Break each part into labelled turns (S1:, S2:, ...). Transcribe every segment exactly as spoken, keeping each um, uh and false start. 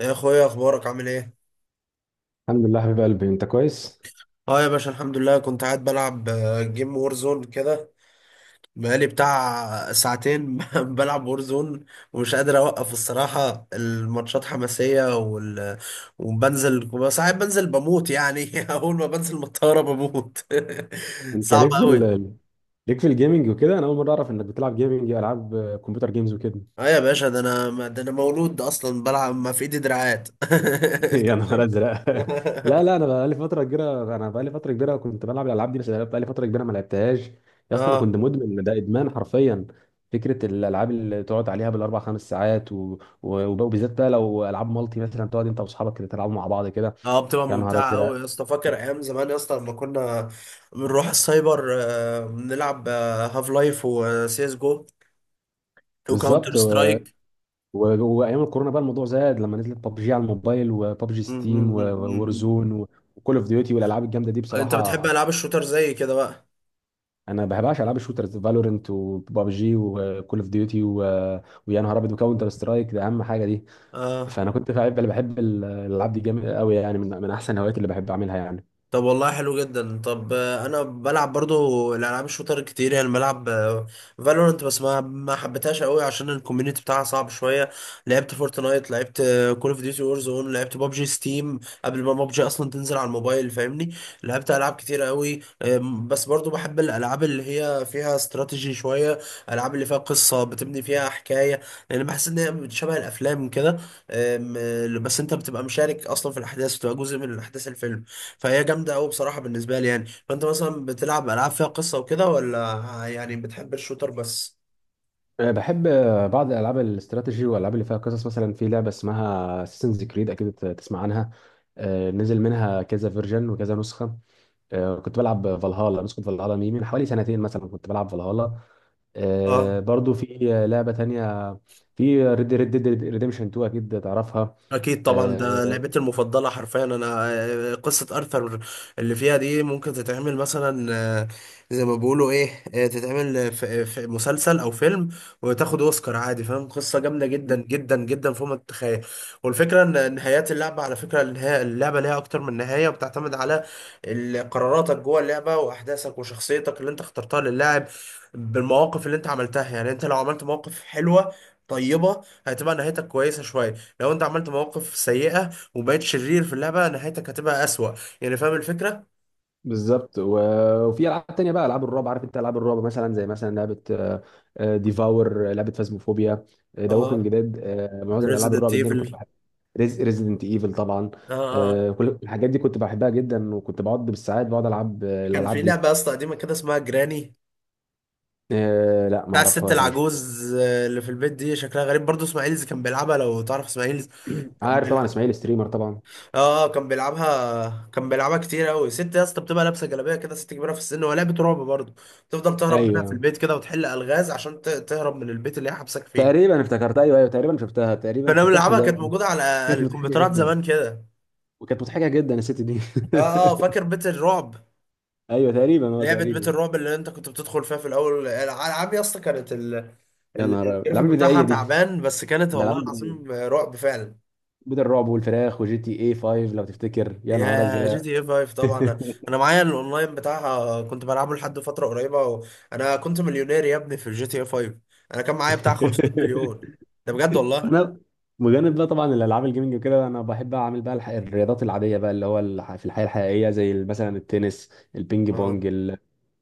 S1: يا اخويا، اخبارك عامل ايه؟
S2: الحمد لله حبيب قلبي، انت كويس.
S1: اه يا باشا، الحمد لله. كنت قاعد بلعب آه، جيم وورزون كده. بقالي بتاع ساعتين بلعب وورزون، ومش قادر اوقف الصراحة. الماتشات حماسية وال... وبنزل ساعات بنزل بموت يعني. اول ما بنزل من الطيارة بموت.
S2: انت
S1: صعب
S2: ليك في
S1: قوي.
S2: ال... ليك في الجيمنج وكده. انا اول مره اعرف انك بتلعب جيمنج، العاب كمبيوتر جيمز وكده.
S1: اه يا باشا، ده انا ده انا مولود اصلا بلعب، ما في ايدي دراعات. انت
S2: يا نهار
S1: فاهم.
S2: ازرق. لا لا، انا بقالي فتره كبيره انا بقالي فتره كبيره كنت بلعب الالعاب دي، بس بقالي فتره كبيره ما لعبتهاش. يا اسطى، انا
S1: اه.
S2: كنت مدمن، ده ادمان حرفيا. فكره الالعاب اللي تقعد عليها بالاربع خمس ساعات و... و... وبالذات بقى لو العاب مالتي مثلا، تقعد انت واصحابك كده تلعبوا مع بعض كده.
S1: اه، بتبقى
S2: يا نهار
S1: ممتعة
S2: ازرق.
S1: أوي يا اسطى. فاكر أيام زمان يا اسطى لما كنا بنروح السايبر؟ آه، بنلعب هاف لايف وسي اس جو وكاونتر
S2: بالظبط. و-
S1: سترايك.
S2: وايام الكورونا بقى الموضوع زاد لما نزلت ببجي على الموبايل، وببجي ستيم، وورزون، وكول اوف ديوتي، والالعاب الجامده دي
S1: أنت بتحب
S2: بصراحه.
S1: ألعاب الشوتر زي كده بقى.
S2: انا ما بحبهاش العاب الشوترز، فالورنت، وببجي، وكول اوف ديوتي و... ويا نهار ابيض، وكاونتر سترايك ده اهم حاجه دي.
S1: اه.
S2: فانا كنت بحب، اللي بحب ال- الالعاب دي جامد قوي يعني، من من احسن الهوايات اللي بحب اعملها يعني.
S1: طب والله حلو جدا. طب، آه، انا بلعب برضو الالعاب الشوتر كتير، يعني بلعب فالورنت، بس ما ما حبيتهاش قوي عشان الكوميونتي بتاعها صعب شويه. لعبت فورتنايت، لعبت كول اوف ديوتي وور زون، لعبت بابجي ستيم قبل ما بابجي اصلا تنزل على الموبايل، فاهمني؟ لعبت العاب كتير قوي، آم، بس برضو بحب الالعاب اللي هي فيها استراتيجي شويه، الالعاب اللي فيها قصه، بتبني فيها حكايه، لان بحس ان هي شبه الافلام كده. آم، آه، بس انت بتبقى مشارك اصلا في الاحداث، بتبقى جزء من الاحداث، الفيلم. فهي جامده قوي بصراحه بالنسبه لي يعني. فانت مثلا بتلعب العاب فيها قصه وكده، ولا يعني بتحب الشوتر بس؟
S2: أه، بحب أه، بعض الالعاب الاستراتيجي والالعاب اللي فيها قصص. مثلا في لعبه اسمها اساسنز كريد، اكيد ت- تسمع عنها. أه، نزل منها كذا فيرجن وكذا نسخه. آه، كنت بلعب فالهالا، نسخة فالهالا مي، من حوالي سنتين مثلا كنت بلعب فالهالا. آه،
S1: اه.
S2: برضو في آه، لعبة تانية، في ريد ريد ديد ريديمشن اتنين، أكيد تعرفها.
S1: اكيد طبعا، ده
S2: آه،
S1: لعبتي المفضله حرفيا انا. آه، قصه ارثر اللي فيها دي ممكن تتعمل مثلا، آه، زي ما بيقولوا ايه، آه، تتعمل في في مسلسل او فيلم، وتاخد اوسكار عادي، فاهم؟ قصه جامده جدا جدا جدا فوق ما تتخيل. والفكره ان نهايات اللعبه، على فكره النهاية، اللعبه ليها اكتر من نهايه، وبتعتمد على ال- قراراتك جوه اللعبه واحداثك وشخصيتك اللي انت اخترتها للاعب، بالمواقف اللي انت عملتها. يعني انت لو عملت مواقف حلوه طيبه، هتبقى نهايتك كويسه شويه. لو انت عملت مواقف سيئة وبقيت شرير في اللعبة، نهايتك هتبقى أسوأ، يعني فاهم الفكرة؟
S2: بالظبط. و- وفي ألعاب تانية بقى، ألعاب الرعب. عارف أنت ألعاب الرعب مثلا؟ زي مثلا لعبة ديفاور، لعبة فازموفوبيا، ذا ووكينج
S1: اه.
S2: ديد. معظم الألعاب
S1: ريزيدنت
S2: الرعب دي أنا كنت
S1: ايفل.
S2: بحب. ريزيدنت ايفل طبعا.
S1: اه. اه،
S2: آه، كل الحاجات دي كنت بحبها جدا، وكنت بقعد بالساعات بقعد العب آه،
S1: كان
S2: الالعاب
S1: في
S2: دي.
S1: لعبة يا اسطى قديمة كده اسمها جراني،
S2: آه، لا ما
S1: بتاع الست
S2: اعرفهاش، مش
S1: العجوز آه، اللي في البيت دي، شكلها غريب برضه. اسماعيلز كان بيلعبها، لو تعرف اسماعيلز كان
S2: عارف. طبعا
S1: بيلعب.
S2: اسماعيل ستريمر طبعا.
S1: اه، كان بيلعبها كان بيلعبها كتير قوي. ست يا اسطى بتبقى لابسة جلابية كده، ست كبيرة في السن، وهي لعبة رعب برضه. تفضل تهرب منها في
S2: ايوه
S1: البيت كده، وتحل ألغاز عشان ت- تهرب من البيت اللي هي حبسك فيه.
S2: تقريبا افتكرت، ايوه ايوه، تقريبا شفتها، تقريبا
S1: كنا
S2: افتكرت
S1: بنلعبها،
S2: اللعبه
S1: كانت
S2: دي.
S1: موجودة على
S2: كانت مضحكه
S1: الكمبيوترات
S2: جدا،
S1: زمان كده.
S2: وكانت مضحكه جدا الست دي.
S1: اه. اه، فاكر بيت الرعب؟
S2: ايوه تقريبا، اه
S1: لعبة بيت
S2: تقريبا.
S1: الرعب اللي انت كنت بتدخل فيها في الاول. الالعاب يا اسطى كانت ال...
S2: يا
S1: ال-
S2: نهار أبيض.
S1: الجرافيك
S2: الالعاب
S1: بتاعها
S2: البدائيه دي،
S1: تعبان، بس كانت
S2: الالعاب
S1: والله
S2: البدائيه،
S1: العظيم رعب فعلا.
S2: بيت الرعب والفراخ وجي تي اي فايف لو تفتكر. يا نهار
S1: يا جي
S2: ازرق.
S1: تي اي خمسة طبعا، انا أنا معايا الاونلاين بتاعها كنت بلعبه لحد فترة قريبة و... انا كنت مليونير يا ابني في الجي تي اي خمسة، انا كان معايا بتاع 500 مليون. ده بجد والله.
S2: انا بجانب بقى طبعا الالعاب الجيمنج وكده، انا بحب اعمل بقى الح- الرياضات العاديه بقى، اللي هو الح- في الحياه الحقيقيه، زي مثلا التنس، البينج بونج،
S1: اه.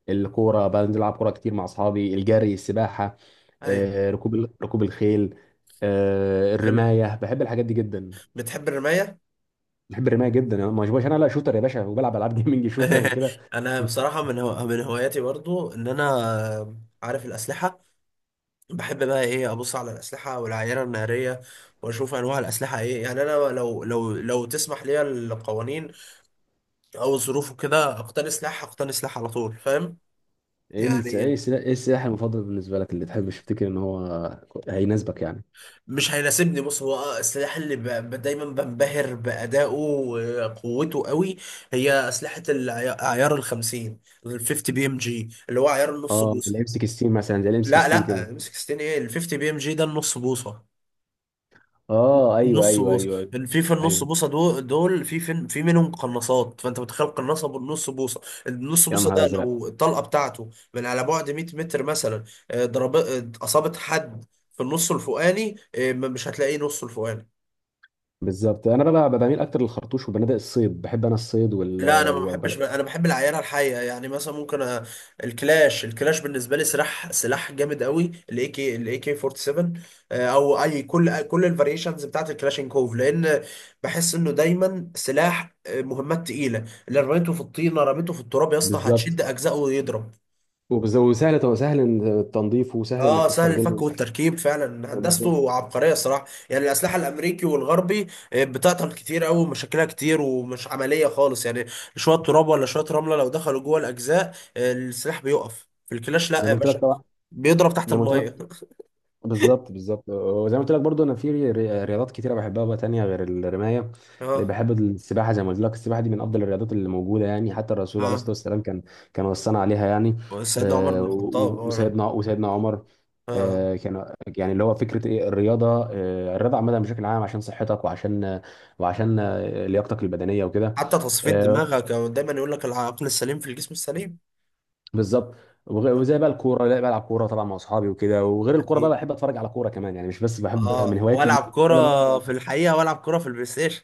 S2: الكوره بنزل العب كوره كتير مع اصحابي، الجري، السباحه،
S1: ايوه.
S2: آه، ركوب ال- ركوب الخيل، آه،
S1: حلو.
S2: الرمايه. بحب الحاجات دي جدا.
S1: بتحب الرماية؟
S2: بحب الرمايه جدا، أنا ما باشبهش انا لا شوتر يا باشا، وبلعب العاب جيمنج شوتر وكده.
S1: انا بصراحة من هو... من هواياتي برضو ان انا عارف الاسلحة. بحب بقى ايه، ابص على الاسلحه والعينه الناريه، واشوف انواع الاسلحه ايه. يعني انا لو لو لو تسمح لي القوانين او الظروف وكده، اقتني سلاح. اقتني سلاح على طول، فاهم؟
S2: ايه الس- ايه
S1: يعني
S2: السلا- إيه السلاح المفضل بالنسبه لك، اللي تحب تفتكر ان هو هيناسبك يعني؟
S1: مش هيناسبني. بص، هو آه، السلاح اللي ب... ب- دايما بنبهر بادائه وقوته قوي، هي اسلحه العيار ال خمسين. ال خمسين بي ام جي، اللي هو عيار النص
S2: اه، الام
S1: بوصه.
S2: سيكستين مثلا، زي الام
S1: لا
S2: سيكستين
S1: لا،
S2: كده؟
S1: امسك ستين ايه؟ ال خمسين بي ام جي ده النص بوصه.
S2: اه ايوه
S1: نص
S2: ايوه
S1: بوصه،
S2: ايوه ايوه،
S1: في في النص
S2: ايوه.
S1: بوصه دول دول في في في منهم قناصات. فانت متخيل قناصه بالنص بوصه؟ النص
S2: يا
S1: بوصه
S2: نهار
S1: ده
S2: ازرق.
S1: لو الطلقه بتاعته من على بعد 100 متر مثلا، آه، ضرب، آه، اصابت حد في النص الفوقاني، آه، مش هتلاقيه. نص الفوقاني.
S2: بالظبط، انا بقى بقى بميل اكتر للخرطوش وبنادق الصيد. بحب انا الصيد وال
S1: لا، انا ما بحبش،
S2: وبنادق-
S1: انا بحب العينه الحيه. يعني مثلا ممكن أ... الكلاش الكلاش بالنسبه لي سلاح سلاح جامد قوي. الاي كي الاي كي سبعة واربعين، آه، او اي، كل كل الفاريشنز بتاعت الكلاشينكوف، لان بحس انه دايما سلاح آه، مهمات تقيله. اللي رميته في الطينه، رميته في التراب يا اسطى، هتشد
S2: بالظبط.
S1: اجزائه ويضرب.
S2: وبز- وسهل، سهل إن- تنظيفه، وسهل انك
S1: اه، سهل الفك
S2: تستخدمه.
S1: والتركيب فعلا.
S2: آه، بالظبط.
S1: هندسته عبقريه الصراحه. يعني الاسلحه الامريكي والغربي آه، بتعطل كتير قوي، ومشاكلها كتير، ومش عمليه خالص يعني. شويه تراب ولا شويه رمله لو دخلوا جوه الاجزاء، آه، السلاح بيقف. في الكلاش لا
S2: زي
S1: يا
S2: ما قلت لك
S1: باشا،
S2: طبعا،
S1: بيضرب تحت
S2: زي ما قلت
S1: الميه.
S2: لك. بالظبط بالظبط، وزي ما قلت لك برضو، انا في ري- ري- رياضات كتيره بحبها بقى تانية غير الرمايه. آه،
S1: اه.
S2: بحب السباحه، زي ما قلت لك. السباحه دي من افضل الرياضات اللي موجوده يعني، حتى الرسول عليه الصلاه
S1: اه،
S2: والسلام كان، كان وصانا عليها يعني.
S1: سيدنا عمر
S2: آه،
S1: بن
S2: و-
S1: الخطاب.
S2: و-
S1: اه.
S2: وسيدنا وسيدنا عمر.
S1: آه.
S2: آه، كان يعني اللي هو فكره ايه الرياضه. آه، الرياضه عامه بشكل عام، عشان صحتك، وعشان وعشان آه، لياقتك البدنيه وكده.
S1: حتى تصفيه
S2: آه،
S1: دماغك. آه، دايما يقول لك العقل السليم في الجسم السليم.
S2: بالظبط. وغ-
S1: آه.
S2: وزي بقى الكوره، لا بلعب كوره طبعا مع اصحابي وكده، وغير الكوره بقى
S1: اكيد.
S2: بحب اتفرج على كوره كمان يعني، مش بس بحب من
S1: اه،
S2: هواياتي.
S1: والعب
S2: ولا
S1: كره
S2: أنا-
S1: في الحقيقه، والعب كره في البلاي ستيشن.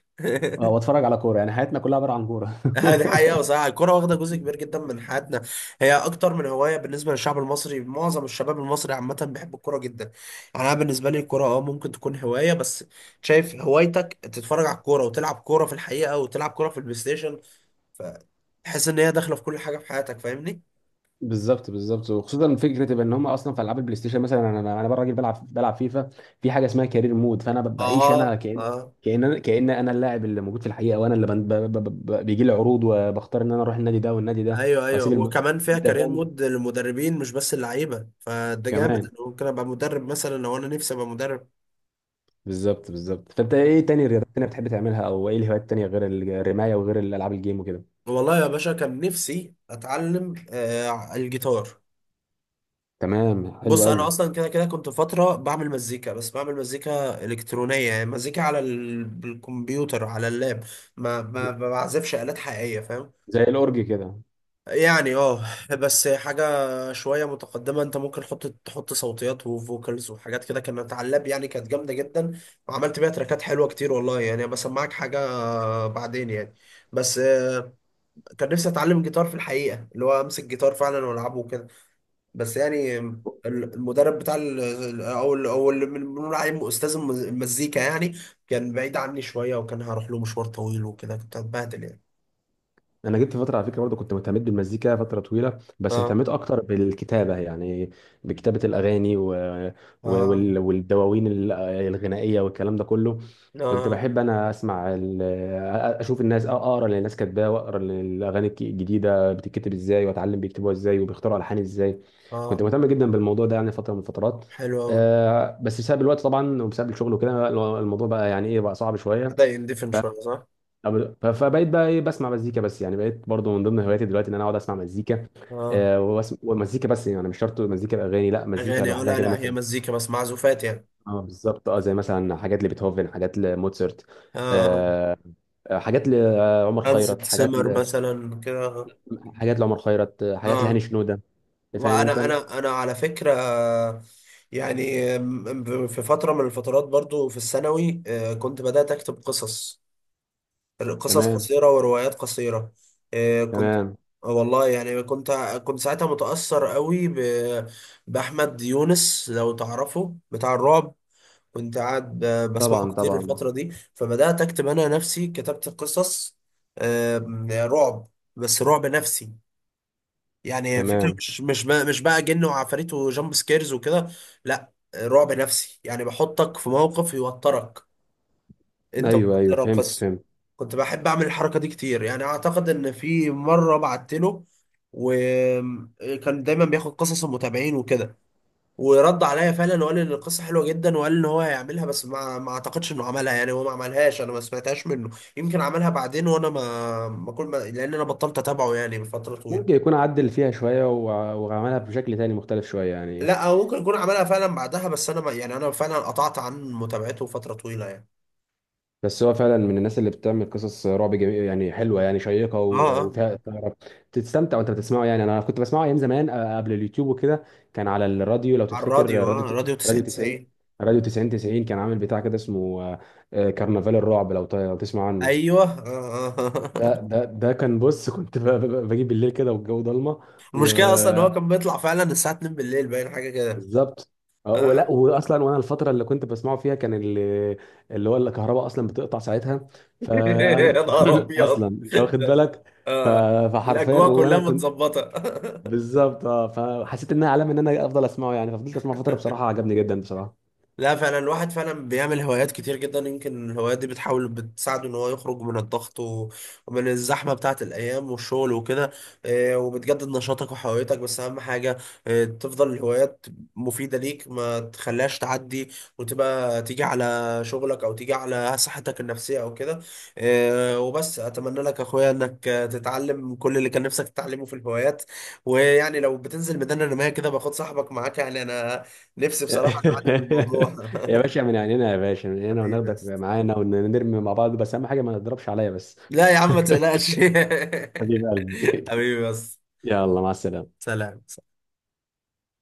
S2: آه، واتفرج على كوره يعني. حياتنا كلها عباره عن كوره.
S1: آه، دي حقيقة بصراحة، الكرة واخدة جزء كبير جدا من حياتنا. هي أكتر من هواية بالنسبة للشعب المصري. معظم الشباب المصري عامة بيحب الكرة جدا. يعني أنا بالنسبة لي الكرة أه ممكن تكون هواية بس. شايف، هوايتك تتفرج على الكورة، وتلعب كورة في الحقيقة، وتلعب كورة في البلاي ستيشن، فتحس إن هي داخلة في كل حاجة في حياتك، فاهمني؟
S2: بالظبط بالظبط، وخصوصا فكره ان هم اصلا في العاب البلاي ستيشن مثلا. انا انا أنا بقى راجل بلعب بلعب فيفا، في حاجه اسمها كارير مود. فانا ب- بعيش انا،
S1: اه.
S2: كان
S1: اه.
S2: كان كان انا اللاعب اللي موجود في الحقيقه، وانا اللي بن- ب- ب- ب- ب- بيجي لي عروض، وبختار ان انا اروح النادي ده والنادي ده،
S1: ايوه، ايوه،
S2: واسيب الم...
S1: وكمان فيها
S2: انت
S1: كارير
S2: فاهم،
S1: مود للمدربين، مش بس اللعيبه. فده جامد،
S2: كمان.
S1: انا ممكن ابقى مدرب مثلا، لو انا نفسي ابقى مدرب.
S2: بالظبط بالظبط. فانت ايه تاني، رياضات تانية بتحب تعملها، او ايه الهوايات التانية غير الرماية وغير الالعاب الجيم وكده؟
S1: والله يا باشا، كان نفسي اتعلم آه الجيتار.
S2: تمام، حلو
S1: بص،
S2: قوي.
S1: انا اصلا كده كده كنت فتره بعمل مزيكا، بس بعمل مزيكا الكترونيه. يعني مزيكا على ال- الكمبيوتر، على اللاب. ما ما
S2: ز-
S1: ما بعزفش الات حقيقيه، فاهم
S2: زي الأورج كده؟
S1: يعني؟ اه. بس حاجه شويه متقدمه. انت ممكن تحط تحط صوتيات وفوكالز وحاجات كده، كانت على اللاب يعني. كانت جامده جدا، وعملت بيها تراكات حلوه كتير والله. يعني بسمعك حاجه بعدين يعني. بس آه، كان نفسي اتعلم الجيتار في الحقيقه، اللي هو امسك جيتار فعلا والعبه وكده. بس يعني ال- المدرب بتاع ال- ال- او ال- او اللي من- بنقول عليه استاذ المز- المزيكا يعني، كان بعيد عني شويه، وكان هروح له مشوار طويل وكده، كنت هتبهدل يعني.
S2: انا جبت فتره، على فكره برضه كنت مهتمت بالمزيكا فتره طويله، بس
S1: اه.
S2: اهتميت اكتر بالكتابه يعني، بكتابه الاغاني و... و-
S1: اه.
S2: وال... والدواوين ال- الغنائيه والكلام ده كله. كنت
S1: اه.
S2: بحب انا اسمع ال... اشوف الناس، اقرا اللي الناس كاتباه، واقرا اللي الاغاني الك- الجديده بتتكتب ازاي، واتعلم بيكتبوها ازاي، وبيختاروا الحان ازاي. كنت
S1: اه.
S2: مهتم جدا بالموضوع ده يعني فتره من الفترات.
S1: حلو قوي.
S2: آه، بس بسبب الوقت طبعا، وبسبب الشغل وكده، الموضوع بقى يعني ايه، بقى صعب شويه.
S1: بدا يندفن شويه، صح.
S2: طب- ف- فبقيت بقى ايه، بسمع مزيكا بس يعني، بقيت برضو من ضمن هواياتي دلوقتي ان انا اقعد اسمع مزيكا.
S1: اه.
S2: آه وبس- ومزيكا بس يعني، مش شرط مزيكا باغاني، لا مزيكا
S1: اغاني، اه،
S2: لوحدها
S1: لا
S2: كده
S1: لا هي
S2: مثلا.
S1: مزيكا بس، معزوفات يعني.
S2: اه بالظبط، اه زي مثلا حاجات لبيتهوفن، حاجات لموتسرت،
S1: اه. اه.
S2: آه، آه، حاجات لعمر
S1: هانز
S2: خيرت، حاجات
S1: سيمر
S2: ل...
S1: مثلا كده، اه.
S2: حاجات لعمر خيرت، آه، حاجات لهاني
S1: آه.
S2: شنودة. فاهم انت؟
S1: وانا انا انا على فكره، يعني م- في فتره من الفترات برضو في الثانوي، آه، كنت بدات اكتب قصص، قصص
S2: تمام
S1: قصيره وروايات قصيره. آه، كنت
S2: تمام.
S1: آه، والله يعني كنت كنت ساعتها متاثر قوي ب- باحمد يونس، لو تعرفه، بتاع الرعب. كنت قاعد ب- بسمعه
S2: طبعا
S1: كتير
S2: طبعا.
S1: الفتره دي، فبدات اكتب انا نفسي، كتبت قصص آه، رعب، بس رعب نفسي. يعني الفكرة
S2: تمام.
S1: مش مش بقى مش بقى جن وعفاريت وجامب سكيرز وكده. لا، رعب نفسي، يعني بحطك في موقف يوترك انت
S2: ايوه ايوه،
S1: وترى
S2: فهمت
S1: القصة.
S2: فهمت.
S1: كنت بحب اعمل الحركة دي كتير، يعني اعتقد ان في مرة بعت له، وكان دايما بياخد قصص المتابعين وكده، ورد عليا فعلا وقال لي ان القصة حلوة جدا، وقال ان هو هيعملها. بس ما ما اعتقدش انه عملها، يعني هو ما عملهاش، انا ما سمعتهاش منه. يمكن عملها بعدين، وانا ما ما كل ما، لان انا بطلت اتابعه يعني من فترة
S2: ممكن
S1: طويلة.
S2: يكون عدل فيها شويه، وع- وعملها بشكل تاني مختلف شويه يعني.
S1: لا، هو ممكن يكون عملها فعلا بعدها، بس انا ما يعني انا فعلا قطعت عن متابعته فتره طويله يعني.
S2: بس هو فعلا من الناس اللي بتعمل قصص رعب جميل يعني، حلوه يعني، شيقه
S1: اه.
S2: و-
S1: اه.
S2: وفيها اثاره، تستمتع وانت بتسمعه يعني. انا كنت بسمعه ايام زمان، آه، قبل اليوتيوب وكده، كان على الراديو، لو
S1: على
S2: تفتكر
S1: الراديو. اه،
S2: راديو
S1: راديو
S2: راديو
S1: تسعين
S2: 90
S1: تسعين.
S2: راديو تسعين تسعين، كان عامل بتاع كده اسمه آه، آه، كرنفال الرعب، لو ت- لو تسمع عنه.
S1: ايوه. آه. آه.
S2: ده ده ده كان، بص كنت ب- ب- بجيب بالليل كده والجو ضلمه.
S1: المشكله اصلا ان هو كان بيطلع فعلا الساعه الثانية بالليل، باين حاجه كده.
S2: بالظبط. اه،
S1: آه.
S2: ولا واصلا، وانا الفتره اللي كنت بسمعه فيها كان اللي، اللي هو الكهرباء اصلا بتقطع ساعتها. ف
S1: يا نهار
S2: اصلا
S1: ابيض.
S2: انت واخد بالك. ف...
S1: آه.
S2: فحرفيا
S1: الاجواء كلها
S2: وانا كنت.
S1: متظبطه.
S2: بالظبط اه. فحسيت انها علامه ان انا افضل اسمعه، يعني ففضلت اسمعه فتره، بصراحه عجبني جدا بصراحه.
S1: لا فعلا، الواحد فعلا بيعمل هوايات كتير جدا، يمكن الهوايات دي بتحاول بتساعده ان هو يخرج من الضغط، و- ومن الزحمه بتاعه الايام والشغل وكده. آه، وبتجدد نشاطك وحيويتك. بس اهم حاجه آه، تفضل الهوايات مفيده ليك، ما تخليهاش تعدي وتبقى تيجي على شغلك او تيجي على صحتك النفسيه او كده. آه، وبس، اتمنى لك يا اخويا انك آه، تتعلم كل اللي كان نفسك تتعلمه في الهوايات. ويعني لو بتنزل ميدان الرمايه كده، باخد صاحبك معاك يعني، انا نفسي بصراحة اتعلم الموضوع.
S2: يا باشا من عينينا، يا باشا من عينينا،
S1: حبيبي
S2: وناخدك
S1: بس.
S2: معانا ونرمي مع بعض، بس اهم حاجه ما تضربش عليا بس.
S1: لا يا عم، ما تقلقش.
S2: حبيب قلبي.
S1: حبيبي بس.
S2: يلا مع السلامه.
S1: سلام.